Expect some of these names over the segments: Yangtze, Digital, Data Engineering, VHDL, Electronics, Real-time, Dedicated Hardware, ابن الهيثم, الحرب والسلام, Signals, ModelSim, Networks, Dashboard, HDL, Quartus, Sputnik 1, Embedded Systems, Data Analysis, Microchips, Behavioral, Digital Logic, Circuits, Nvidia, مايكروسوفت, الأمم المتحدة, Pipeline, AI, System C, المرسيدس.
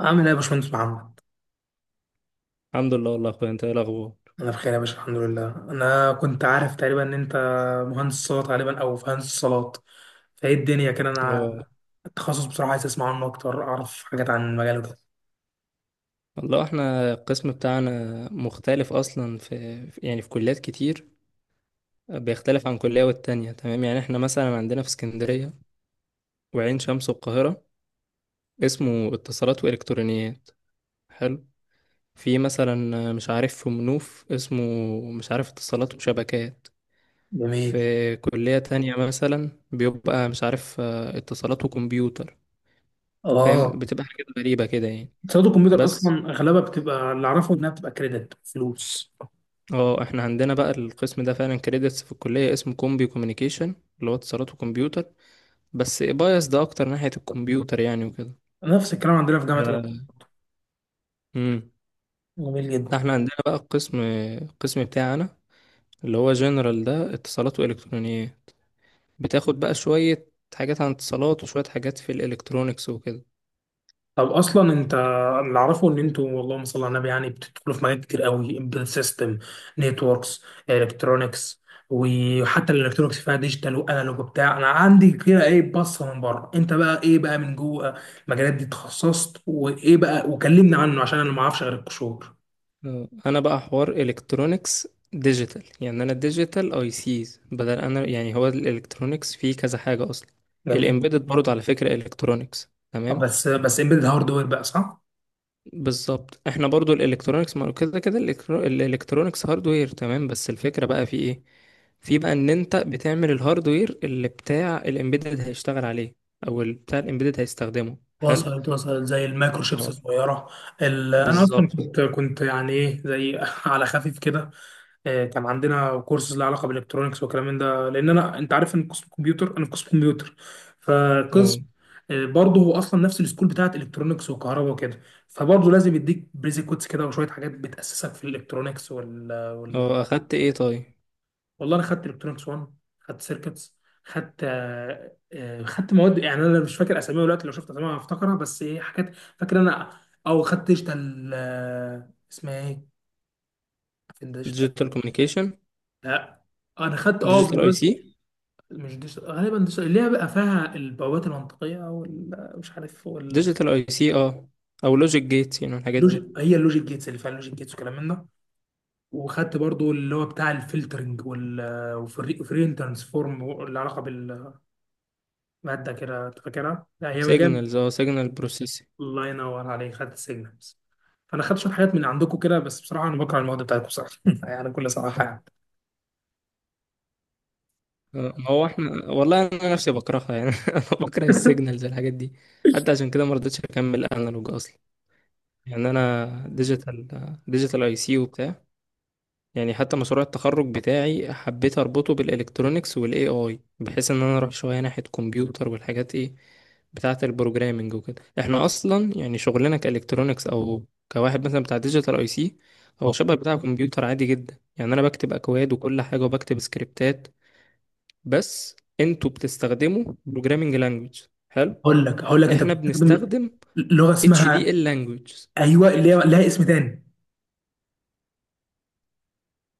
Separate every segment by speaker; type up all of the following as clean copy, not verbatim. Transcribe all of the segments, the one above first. Speaker 1: عامل ايه يا باشمهندس محمد؟
Speaker 2: الحمد لله، والله يا اخويا. انت ايه الاخبار؟
Speaker 1: انا بخير يا باشا، الحمد لله. انا كنت عارف تقريبا ان انت مهندس صوت غالبا او في هندسه صالات، فايه الدنيا كده؟ انا
Speaker 2: اه،
Speaker 1: التخصص بصراحه عايز اسمع عنه اكتر، اعرف حاجات عن المجال ده.
Speaker 2: والله احنا القسم بتاعنا مختلف اصلا يعني في كليات كتير بيختلف عن كلية والتانية، تمام، يعني احنا مثلا عندنا في اسكندرية وعين شمس والقاهرة اسمه اتصالات والكترونيات. حلو. في مثلا مش عارف في منوف اسمه مش عارف اتصالات وشبكات.
Speaker 1: جميل.
Speaker 2: في كلية تانية مثلا بيبقى مش عارف اتصالات وكمبيوتر. فاهم؟
Speaker 1: اه،
Speaker 2: بتبقى حاجات غريبة كده يعني.
Speaker 1: صيانه الكمبيوتر
Speaker 2: بس
Speaker 1: اصلا اغلبها بتبقى اللي اعرفه انها بتبقى كريدت فلوس.
Speaker 2: اه احنا عندنا بقى القسم ده فعلا كريدتس في الكلية اسمه كومبي كوميونيكيشن، اللي هو اتصالات وكمبيوتر. بس بايس ده اكتر ناحية الكمبيوتر يعني وكده.
Speaker 1: نفس الكلام عندنا في جامعه مصر.
Speaker 2: آه، امم
Speaker 1: جميل
Speaker 2: ده
Speaker 1: جدا.
Speaker 2: احنا عندنا بقى القسم بتاعنا، اللي هو جنرال، ده اتصالات والكترونيات. بتاخد بقى شوية حاجات عن اتصالات وشوية حاجات في الالكترونيكس وكده.
Speaker 1: طب اصلا انت، اللي اعرفه ان انتوا اللهم صل على النبي بتدخلوا في مجالات كتير قوي، امبيدد سيستم، نتوركس، الكترونكس، وحتى الالكترونكس فيها ديجيتال وانالوج وبتاع. انا عندي كده ايه بصه من بره، انت بقى ايه بقى من جوه المجالات دي؟ اتخصصت وايه بقى، وكلمني عنه عشان انا ما اعرفش غير القشور.
Speaker 2: انا بقى حوار الكترونيكس ديجيتال، يعني انا ديجيتال اي سيز، بدل انا يعني هو الالكترونيكس فيه كذا حاجة اصلا.
Speaker 1: جميل.
Speaker 2: الامبيدد برضه على فكرة الكترونيكس، تمام.
Speaker 1: بس امبيدد هاردوير بقى صح؟
Speaker 2: بالظبط، احنا برضو الالكترونيكس ما هو كده كده الالكترونيكس هاردوير، تمام. بس الفكرة بقى في ايه؟ في بقى ان انت بتعمل الهاردوير اللي بتاع الامبيدد هيشتغل عليه، او اللي بتاع الامبيدد هيستخدمه. حلو.
Speaker 1: وصلت وصلت، زي المايكرو شيبس
Speaker 2: اه.
Speaker 1: الصغيره. انا اصلا
Speaker 2: بالظبط.
Speaker 1: كنت ايه زي على خفيف كده. كان عندنا كورسز لها علاقه بالالكترونكس والكلام من ده، لان انا انت عارف ان قسم كمبيوتر، انا في قسم كمبيوتر
Speaker 2: اه،
Speaker 1: فقسم برضه هو اصلا نفس السكول بتاعت الكترونكس وكهرباء وكده، فبرضه لازم يديك بريزي كودز كده وشويه حاجات بتاسسك في الالكترونكس وال.
Speaker 2: اه، اخدت ايه طيب؟
Speaker 1: والله انا خدت الكترونكس 1، خدت سيركتس، خدت خدت مواد، انا مش فاكر اساميها دلوقتي، لو شفت اساميها هفتكرها، بس ايه، حاجات فاكر انا. او خدت ديجيتال اسمها ايه؟ فين ديجيتال؟
Speaker 2: ديجيتال كوميونيكيشن.
Speaker 1: لا، انا خدت
Speaker 2: ديجيتال اي سي.
Speaker 1: مش ديجيتال، غالبا ديجيتال اللي هي بقى فيها البوابات المنطقيه والمش عارف واللوجيك.
Speaker 2: ديجيتال اي سي، او لوجيك جيتس، يعني الحاجات دي.
Speaker 1: هي اللوجيك جيتس، اللي فيها اللوجيك جيتس وكلام من ده. وخدت برضو اللي هو بتاع الفلترنج وال وفري ترانسفورم، اللي علاقه بالماده كده، أنت فاكرها؟ لا، هي من جايه.
Speaker 2: سيجنالز، سيجنال بروسيس.
Speaker 1: الله ينور عليك، خدت السيجنالز. فانا خدت شويه حاجات من عندكم كده، بس بصراحه انا بكره المواد بتاعتكم صراحه بكل صراحه يعني.
Speaker 2: ما هو احنا والله انا نفسي بكرهها يعني انا بكره السيجنالز، الحاجات دي. حتى عشان كده ما رضيتش اكمل انالوج اصلا، يعني انا ديجيتال، ديجيتال اي سي وبتاع. يعني حتى مشروع التخرج بتاعي حبيت اربطه بالالكترونيكس والاي اي، بحيث ان انا اروح شويه ناحيه كمبيوتر والحاجات ايه بتاعه البروجرامنج وكده. احنا اصلا يعني شغلنا كالكترونيكس، او كواحد مثلا بتاع ديجيتال اي سي، هو شبه بتاع كمبيوتر عادي جدا يعني. انا بكتب اكواد وكل حاجه وبكتب سكريبتات. بس انتوا بتستخدموا programming language. حلو.
Speaker 1: هقول لك، هقول لك انت
Speaker 2: احنا
Speaker 1: بتستخدم
Speaker 2: بنستخدم
Speaker 1: لغه
Speaker 2: HDL
Speaker 1: اسمها،
Speaker 2: language.
Speaker 1: ايوه، اللي هي لها اسم تاني،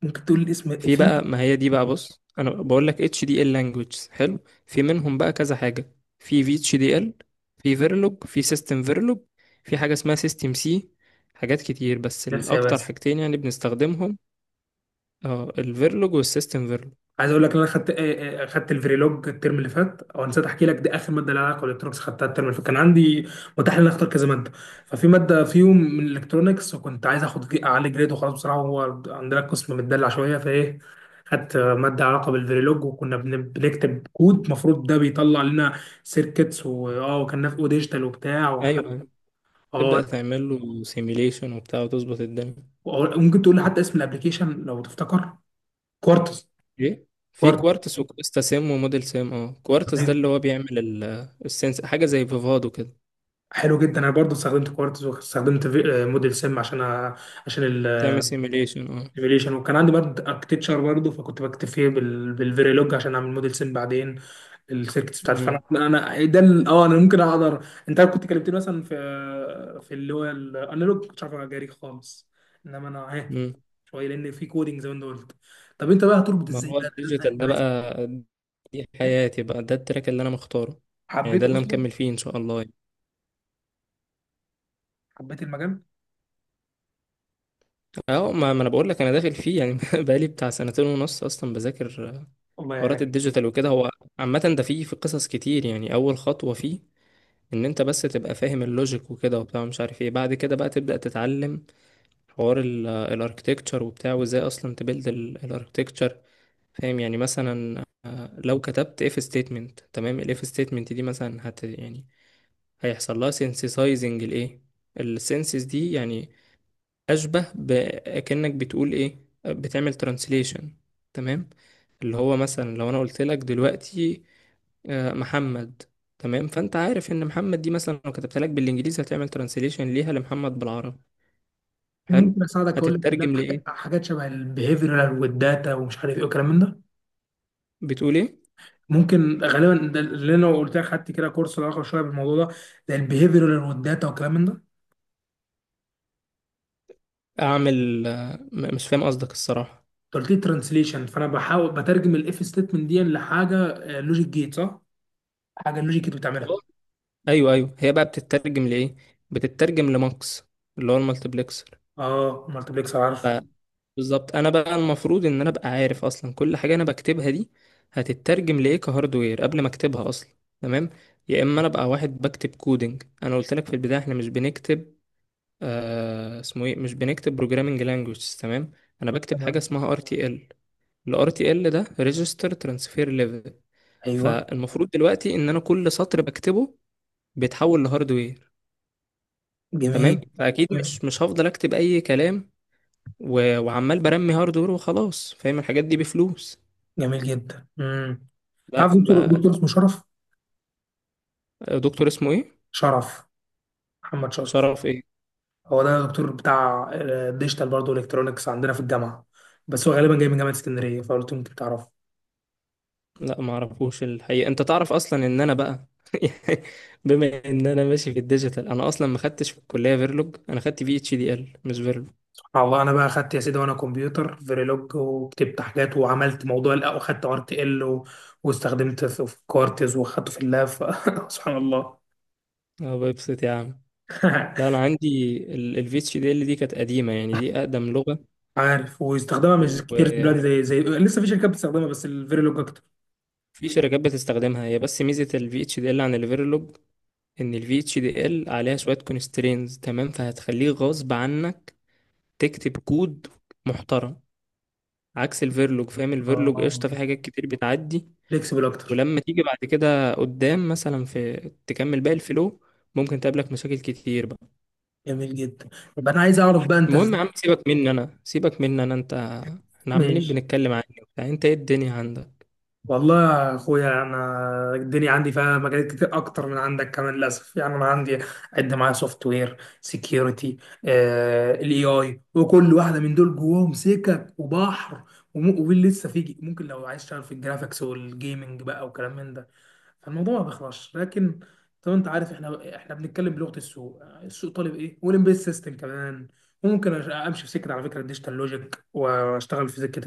Speaker 1: ممكن تقول الاسم؟
Speaker 2: في
Speaker 1: في
Speaker 2: بقى ما هي دي بقى بص، انا بقول لك HDL language. حلو. في منهم بقى كذا حاجة. في VHDL، في Verilog، في System Verilog، في حاجة اسمها System C. حاجات كتير بس
Speaker 1: بس يا
Speaker 2: الاكتر
Speaker 1: بس
Speaker 2: حاجتين يعني بنستخدمهم. اه الفيرلوج والسيستم فيرلوج.
Speaker 1: عايز اقول لك ان انا خدت خدت الفريلوج الترم اللي فات، او نسيت احكي لك، دي اخر ماده لها علاقه بالالكترونكس، خدتها الترم اللي فات. كان عندي متاح ان انا اختار كذا ماده، ففي ماده فيهم من الالكترونكس، وكنت عايز اخد اعلي جريد وخلاص بصراحه، هو عندنا قسم متدلع شويه، فايه، خدت ماده علاقه بالفريلوج، وكنا بنكتب كود المفروض ده بيطلع لنا سيركتس، واه، وكان في ديجيتال وبتاع وحتى.
Speaker 2: ايوه،
Speaker 1: اه،
Speaker 2: تبدأ تعمل له سيميليشن وبتاع وتظبط الدنيا.
Speaker 1: وممكن تقول لي حتى اسم الابلكيشن لو تفتكر؟ كوارتز.
Speaker 2: ايه، في
Speaker 1: كوارتز.
Speaker 2: كوارتز وكويستا سيم وموديل سيم، كوارتز ده اللي هو بيعمل السنس، حاجه زي فيفادو كده.
Speaker 1: حلو جدا. انا برضو استخدمت كوارتز، واستخدمت موديل سم عشان عشان
Speaker 2: تعمل سيميليشن، اه.
Speaker 1: السيميوليشن. وكان عندي برضو اركتشر برضو، فكنت بكتب فيه بالفيريلوج عشان اعمل موديل سم بعدين السيركتس بتاعتي. فانا
Speaker 2: امم
Speaker 1: ده اه، انا ممكن اقدر، انت كنت كلمتني مثلا في في اللي هو الانالوج كنتش عارف اجاري خالص، انما انا اهي
Speaker 2: امم
Speaker 1: شويه، لان في كودنج زي ما انت قلت. طب انت بقى هتربط
Speaker 2: ما
Speaker 1: ازاي
Speaker 2: هو
Speaker 1: ده
Speaker 2: الديجيتال ده بقى، دي حياتي بقى، ده التراك اللي انا مختاره، يعني ده
Speaker 1: حبيته
Speaker 2: اللي انا
Speaker 1: اصلا.
Speaker 2: مكمل فيه ان شاء الله يعني.
Speaker 1: حبيت المجال.
Speaker 2: اه، ما انا بقول لك انا داخل فيه يعني بقالي بتاع سنتين ونص اصلا بذاكر
Speaker 1: الله
Speaker 2: حوارات
Speaker 1: يعينك.
Speaker 2: الديجيتال وكده. هو عامه ده فيه، في قصص كتير يعني. اول خطوه فيه ان انت بس تبقى فاهم اللوجيك وكده وبتاع مش عارف ايه، بعد كده بقى تبدأ تتعلم حوار الاركتكتشر وبتاع، وازاي اصلا تبيلد الاركتكتشر. فاهم؟ يعني مثلا لو كتبت اف ستيتمنت، تمام، الاف ستيتمنت دي مثلا يعني هيحصل لها سينسيسايزنج، الايه السينسيس دي يعني، اشبه بكأنك بتقول ايه، بتعمل ترانسليشن، تمام. اللي هو مثلا لو انا قلت لك دلوقتي محمد، تمام، فانت عارف ان محمد دي مثلا لو كتبت لك بالانجليزي هتعمل ترانسليشن ليها لمحمد بالعربي. حلو.
Speaker 1: ممكن اساعدك اقول لك، لا،
Speaker 2: هتترجم
Speaker 1: حاجات
Speaker 2: لايه؟
Speaker 1: حاجات شبه البيهيفيرال والداتا ومش عارف ايه والكلام من ده.
Speaker 2: بتقول ايه؟
Speaker 1: ممكن غالبا ده اللي انا قلت لك، خدت كده كورس له علاقه شويه بالموضوع ده، ده البيهيفيرال والداتا والكلام من ده.
Speaker 2: اعمل، مش فاهم قصدك الصراحه.
Speaker 1: انت قلت لي ترانسليشن، فانا بحاول بترجم الاف ستيتمنت دي لحاجه لوجيك جيت صح؟ حاجه اللوجيك جيت بتعملها.
Speaker 2: خلاص. ايوه، ايوه، هي بقى بتترجم لايه؟ بتترجم لماكس، اللي هو المالتيبلكسر.
Speaker 1: اه، مالتبلكسر،
Speaker 2: ف-
Speaker 1: عارف.
Speaker 2: بالظبط، انا بقى المفروض ان انا ابقى عارف اصلا كل حاجه انا بكتبها دي هتترجم لايه كهاردوير قبل ما اكتبها اصلا، تمام. يا اما انا ابقى واحد بكتب كودنج. انا قلت لك في البدايه احنا مش بنكتب، اسمه ايه، مش بنكتب بروجرامنج لانجويج، تمام. انا بكتب حاجه
Speaker 1: تمام.
Speaker 2: اسمها ار تي ال. الار تي ال ده ريجستر ترانسفير ليفل.
Speaker 1: ايوه.
Speaker 2: فالمفروض دلوقتي ان انا كل سطر بكتبه بيتحول لهاردوير،
Speaker 1: جميل.
Speaker 2: تمام. فاكيد مش هفضل اكتب اي كلام و... وعمال برمي هاردوير وخلاص. فاهم الحاجات دي بفلوس.
Speaker 1: جميل جدا.
Speaker 2: لا،
Speaker 1: تعرف دكتور، دكتور اسمه شرف،
Speaker 2: دكتور اسمه ايه؟
Speaker 1: شرف، محمد شرف؟
Speaker 2: شرف ايه؟
Speaker 1: هو ده دكتور بتاع ديجيتال برضه، الكترونكس عندنا في الجامعه، بس هو غالبا جاي من جامعه اسكندريه، فقلت له يمكن تعرفه.
Speaker 2: لا ما اعرفوش الحقيقه. انت تعرف اصلا ان انا بقى يعني، بما ان انا ماشي في الديجيتال، انا اصلا ما خدتش في الكليه فيرلوج، انا خدت في اتش دي ال مش فيرلوج.
Speaker 1: على الله، انا بقى اخدت يا سيدي وانا كمبيوتر فيريلوج وكتبت حاجات وعملت موضوع، لا، وخدت ار تي ال و... واستخدمت في كورتز واخدته في اللاب. سبحان الله.
Speaker 2: اه، ببسط يا عم. لا، انا عندي الفي اتش دي ال، ال VHDL دي كانت قديمه، يعني دي اقدم
Speaker 1: عارف، واستخدامها مش كتير دلوقتي،
Speaker 2: لغه.
Speaker 1: زي لسه في شركات بتستخدمها، بس الفيريلوج اكتر.
Speaker 2: في شركات بتستخدمها هي، بس ميزة ال VHDL عن ال Verilog إن ال VHDL عليها شوية constraints، تمام، فهتخليه غصب عنك تكتب كود محترم، عكس ال Verilog. فاهم؟ ال Verilog
Speaker 1: اه.
Speaker 2: قشطة، في حاجات كتير بتعدي،
Speaker 1: فليكسبل اكتر.
Speaker 2: ولما تيجي بعد كده قدام مثلا في، تكمل باقي الفلو، ممكن تقابلك مشاكل كتير بقى.
Speaker 1: جميل جدا. يبقى انا عايز اعرف بقى انت
Speaker 2: المهم يا
Speaker 1: ازاي؟
Speaker 2: عم، سيبك مني أنا. أنت، احنا عمالين
Speaker 1: ماشي.
Speaker 2: بنتكلم عني وبتاع. أنت إيه الدنيا عندك؟
Speaker 1: والله يا اخويا انا الدنيا عندي فيها مجالات كتير اكتر من عندك كمان للاسف، انا عندي، عد معايا: سوفت وير، سكيورتي، الاي اي، وكل واحده من دول جواهم سكك وبحر. ومين لسه، فيجي، ممكن لو عايز تشتغل في الجرافيكس والجيمنج بقى وكلام من ده، فالموضوع ما بيخلصش. لكن زي ما انت عارف، احنا بنتكلم بلغه السوق، السوق طالب ايه، والامبيد سيستم كمان. وممكن امشي في سكه، على فكره، الديجيتال لوجيك واشتغل في سكه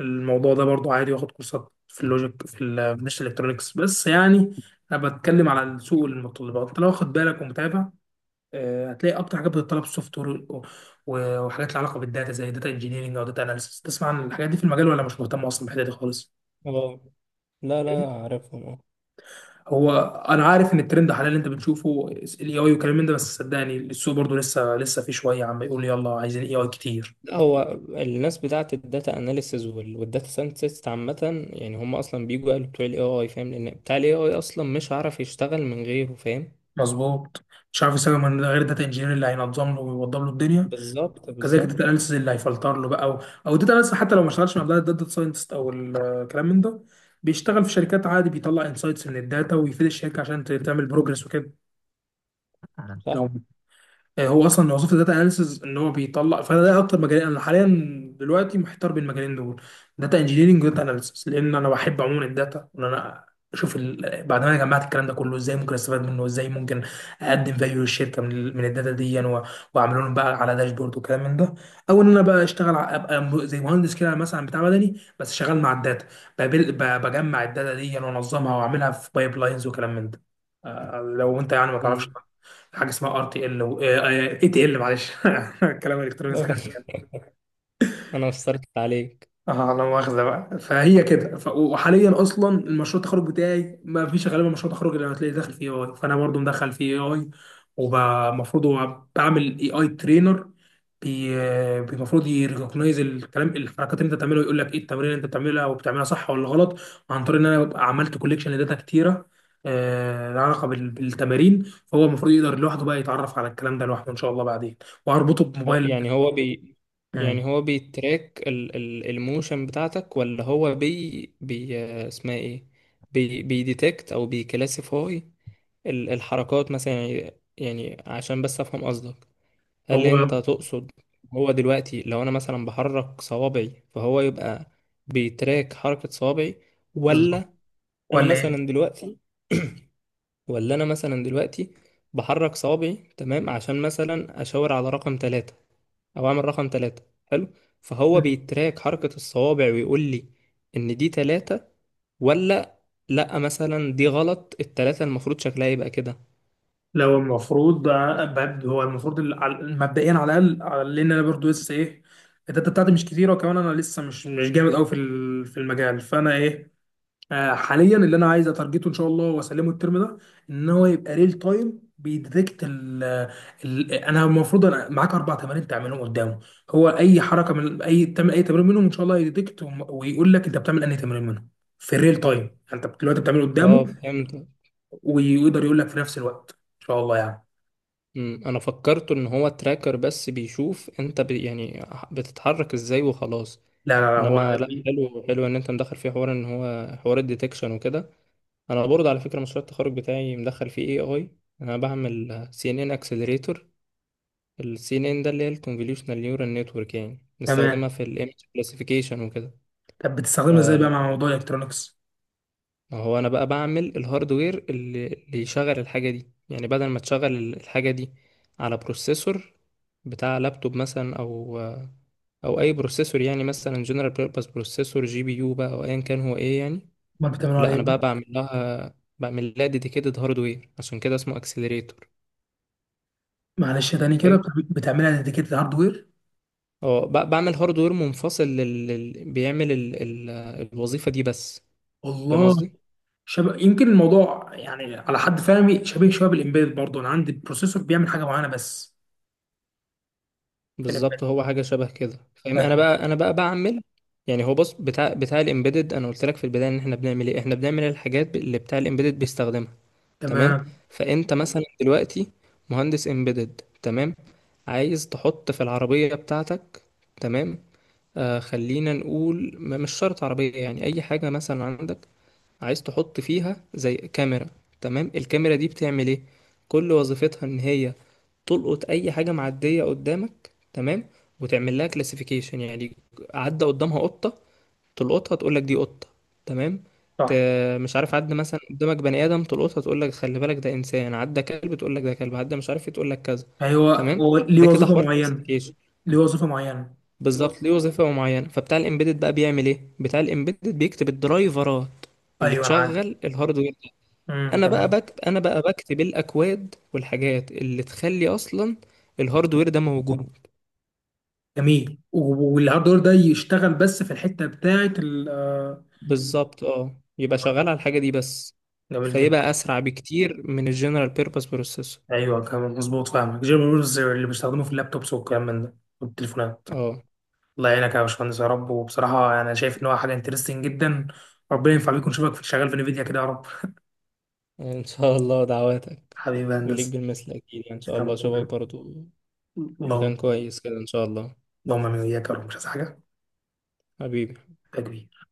Speaker 1: الموضوع ده برضو عادي، واخد كورسات في اللوجيك في مش الالكترونكس بس يعني. انا بتكلم على سوق المتطلبات. انت لو واخد بالك ومتابع، هتلاقي اكتر حاجات بتتطلب سوفت وير، وحاجات لها علاقه بالداتا زي داتا انجينيرنج او داتا اناليسيس. تسمع عن الحاجات دي في المجال، ولا مش مهتم اصلا بالحته دي خالص؟
Speaker 2: اه، لا،
Speaker 1: إيه؟
Speaker 2: لا، عارفهم.
Speaker 1: هو انا عارف ان الترند حاليا اللي انت بتشوفه الاي اي والكلام من ده، بس صدقني السوق برضو لسه في شويه عم يقول يلا عايزين اي اي كتير.
Speaker 2: هو الناس بتاعت الداتا اناليسز والداتا ساينتست، عامة يعني هم اصلا بيجوا قالوا بتوع الاي اي، فاهم؟ لان بتاع الاي اي اصلا مش عارف يشتغل من غيره، فاهم.
Speaker 1: مظبوط. مش عارف يسوي من غير داتا انجينير اللي هينظم له ويوضب له الدنيا.
Speaker 2: بالظبط،
Speaker 1: كذلك
Speaker 2: بالظبط.
Speaker 1: الداتا اناليسيز اللي هيفلتر له بقى، او او الداتا اناليسيز حتى لو ما اشتغلش مع داتا ساينتست او الكلام من ده، بيشتغل في شركات عادي، بيطلع انسايتس من الداتا ويفيد الشركه عشان تعمل بروجرس وكده. لو
Speaker 2: صح.
Speaker 1: هو اصلا وظيفه داتا اناليسز ان هو بيطلع. فانا ده اكتر مجالين انا حاليا دلوقتي محتار بين المجالين دول، داتا انجينيرنج وداتا اناليسز، لان انا بحب عموما الداتا، وان انا اشوف ال... بعد ما انا جمعت الكلام ده كله، ازاي ممكن استفاد منه، وازاي ممكن اقدم فاليو للشركه من، ال... من الداتا دي و... واعمل لهم بقى على داشبورد وكلام من ده. او ان انا بقى اشتغل ابقى زي مهندس كده مثلا، بتاع مدني بس شغال مع الداتا. بقابل... ب... بجمع الداتا دي وانظمها واعملها في بايب لاينز وكلام من ده. لو انت ما تعرفش
Speaker 2: مم.
Speaker 1: حاجه اسمها ار تي ال، اي تي ال، معلش. الكلام الالكتروني سخن.
Speaker 2: انا اثرت عليك.
Speaker 1: اه، انا واخده بقى، فهي كده ف... وحاليا اصلا المشروع التخرج بتاعي ما فيش غالبا مشروع تخرج اللي هتلاقي داخل فيه اي، فانا برضو مدخل فيه اي. ومفروض بعمل اي اي ترينر، المفروض يريكوجنايز الكلام، الحركات اللي انت بتعملها، ويقول لك ايه التمرين اللي انت بتعملها، وبتعملها صح ولا غلط، عن طريق ان انا ببقى عملت كوليكشن لداتا كتيره، لها علاقه بالتمارين. فهو المفروض يقدر لوحده بقى يتعرف على الكلام ده لوحده ان شاء الله، بعدين واربطه بموبايل.
Speaker 2: يعني هو
Speaker 1: مم.
Speaker 2: يعني هو بيتراك الموشن بتاعتك، ولا هو بي بي اسمها ايه، بيديتكت او بيكلاسيفاي الحركات مثلا، يعني عشان بس افهم قصدك، هل انت
Speaker 1: هو
Speaker 2: تقصد هو دلوقتي لو انا مثلا بحرك صوابعي فهو يبقى بيتراك حركة صوابعي،
Speaker 1: بالظبط.
Speaker 2: ولا انا
Speaker 1: ولا ايه؟
Speaker 2: مثلا دلوقتي ولا انا مثلا دلوقتي بحرك صوابعي تمام، عشان مثلا اشاور على رقم ثلاثة، او اعمل رقم ثلاثة. حلو. فهو بيتراك حركة الصوابع ويقول لي ان دي ثلاثة، ولا لا، مثلا دي غلط، الثلاثة المفروض شكلها يبقى كده.
Speaker 1: لو المفروض هو المفروض مبدئيا على الاقل لان انا برضو لسه ايه، الداتا بتاعتي مش كتيره، وكمان انا لسه مش جامد قوي في في المجال، فانا ايه، حاليا اللي انا عايز اتارجته ان شاء الله واسلمه الترم ده ان هو يبقى ريل تايم بيديتكت ال انا المفروض انا معاك اربع تمارين تعملهم قدامه، هو اي حركه من اي تعمل اي تمرين منهم ان شاء الله يديتكت ويقول لك انت بتعمل انهي تمرين منهم في الريل تايم، انت دلوقتي بتعمله قدامه،
Speaker 2: اه، فهمت.
Speaker 1: ويقدر يقول لك في نفس الوقت ان شاء الله يعني.
Speaker 2: انا فكرت ان هو تراكر بس بيشوف انت يعني بتتحرك ازاي وخلاص.
Speaker 1: لا
Speaker 2: انما
Speaker 1: هو
Speaker 2: لا، حلو حلو ان انت مدخل فيه حوار ان هو حوار الديتكشن وكده. انا برضه على فكره مشروع التخرج بتاعي مدخل فيه اي اي. انا بعمل سي ان ان اكسلريتور. السي ان ان ده اللي هي الكونفوليوشنال نيورال نتورك، يعني نستخدمها
Speaker 1: تمام.
Speaker 2: في الايمج كلاسيفيكيشن وكده.
Speaker 1: طب بتستخدمها ازاي بقى مع موضوع الالكترونكس؟
Speaker 2: فهو انا بقى بعمل الهاردوير اللي يشغل الحاجه دي، يعني بدل ما تشغل الحاجه دي على بروسيسور بتاع لابتوب مثلا، او اي بروسيسور يعني، مثلا جنرال بيربز بروسيسور جي بي يو بقى، او ايا كان هو ايه يعني.
Speaker 1: امال بتعملها على
Speaker 2: لا،
Speaker 1: ايه
Speaker 2: انا بقى
Speaker 1: بقى؟
Speaker 2: بعمل لها ديديكيتد هاردوير، عشان كده اسمه اكسلريتور.
Speaker 1: معلش تاني كده،
Speaker 2: فاهم؟
Speaker 1: بتعملها ديديكيتد هاردوير؟
Speaker 2: اه بعمل هاردوير منفصل بيعمل الوظيفة دي بس. فاهم
Speaker 1: والله
Speaker 2: قصدي.
Speaker 1: شبه يمكن الموضوع، على حد فهمي شبيه شويه بالامبيد برضه، انا عندي بروسيسور بيعمل حاجه معينه بس في الامبيد.
Speaker 2: بالظبط، هو حاجة شبه كده فاهم. انا
Speaker 1: لكن
Speaker 2: بقى انا بقى بعمل، يعني هو بص، بتاع الامبيدد، انا قلت لك في البداية ان احنا بنعمل ايه، احنا بنعمل الحاجات اللي بتاع الامبيدد بيستخدمها، تمام.
Speaker 1: تمام.
Speaker 2: فانت مثلا دلوقتي مهندس امبيدد، تمام، عايز تحط في العربية بتاعتك، تمام، خلينا نقول مش شرط عربية، يعني اي حاجة مثلا عندك عايز تحط فيها زي كاميرا، تمام. الكاميرا دي بتعمل ايه؟ كل وظيفتها ان هي تلقط اي حاجة معدية قدامك، تمام، وتعمل لها كلاسيفيكيشن. يعني عدى قدامها قطة، تلقطها تقول لك دي قطة، تمام. ت...
Speaker 1: صح.
Speaker 2: مش عارف، عدى مثلا قدامك بني آدم تلقطها تقول لك خلي بالك ده إنسان، عدى كلب تقول لك ده كلب، عدى مش عارف إيه تقول لك كذا،
Speaker 1: ايوه،
Speaker 2: تمام.
Speaker 1: هو ليه
Speaker 2: ده كده
Speaker 1: وظيفه
Speaker 2: حوار
Speaker 1: معينه.
Speaker 2: كلاسيفيكيشن.
Speaker 1: ليه وظيفه معينه.
Speaker 2: بالظبط، ليه وظيفة معينة. فبتاع الإمبيدد بقى بيعمل إيه؟ بتاع الإمبيدد بيكتب الدرايفرات اللي
Speaker 1: ايوه انا عارف.
Speaker 2: تشغل الهاردوير.
Speaker 1: امم،
Speaker 2: أنا بقى
Speaker 1: تمام.
Speaker 2: بكتب أنا بقى بكتب الأكواد والحاجات اللي تخلي أصلا الهاردوير ده موجود.
Speaker 1: جميل، والهاردوير ده يشتغل بس في الحته بتاعت ال
Speaker 2: بالظبط، يبقى شغال على الحاجة دي بس،
Speaker 1: جميل جدا.
Speaker 2: فيبقى أسرع بكتير من الجنرال بيربز بروسيسور.
Speaker 1: ايوه كمان مظبوط، فاهمك، جيم رولز اللي بيستخدموه في اللابتوبس والكلام من ده والتليفونات.
Speaker 2: اه،
Speaker 1: الله يعينك يا باشمهندس يا رب. وبصراحه انا شايف ان هو حاجه انترستنج جدا. ربنا ينفع بيكون شبك في، شغال في نفيديا كده يا رب.
Speaker 2: ان شاء الله دعواتك.
Speaker 1: حبيبي يا
Speaker 2: وليك
Speaker 1: هندسه.
Speaker 2: بالمثل اكيد يعني، ان شاء الله
Speaker 1: يلا،
Speaker 2: اشوفك برضو
Speaker 1: اللهم،
Speaker 2: مكان كويس كده ان شاء الله.
Speaker 1: اللهم امين وإياك يا رب، مش عايز حاجه.
Speaker 2: حبيبي.
Speaker 1: تكبير.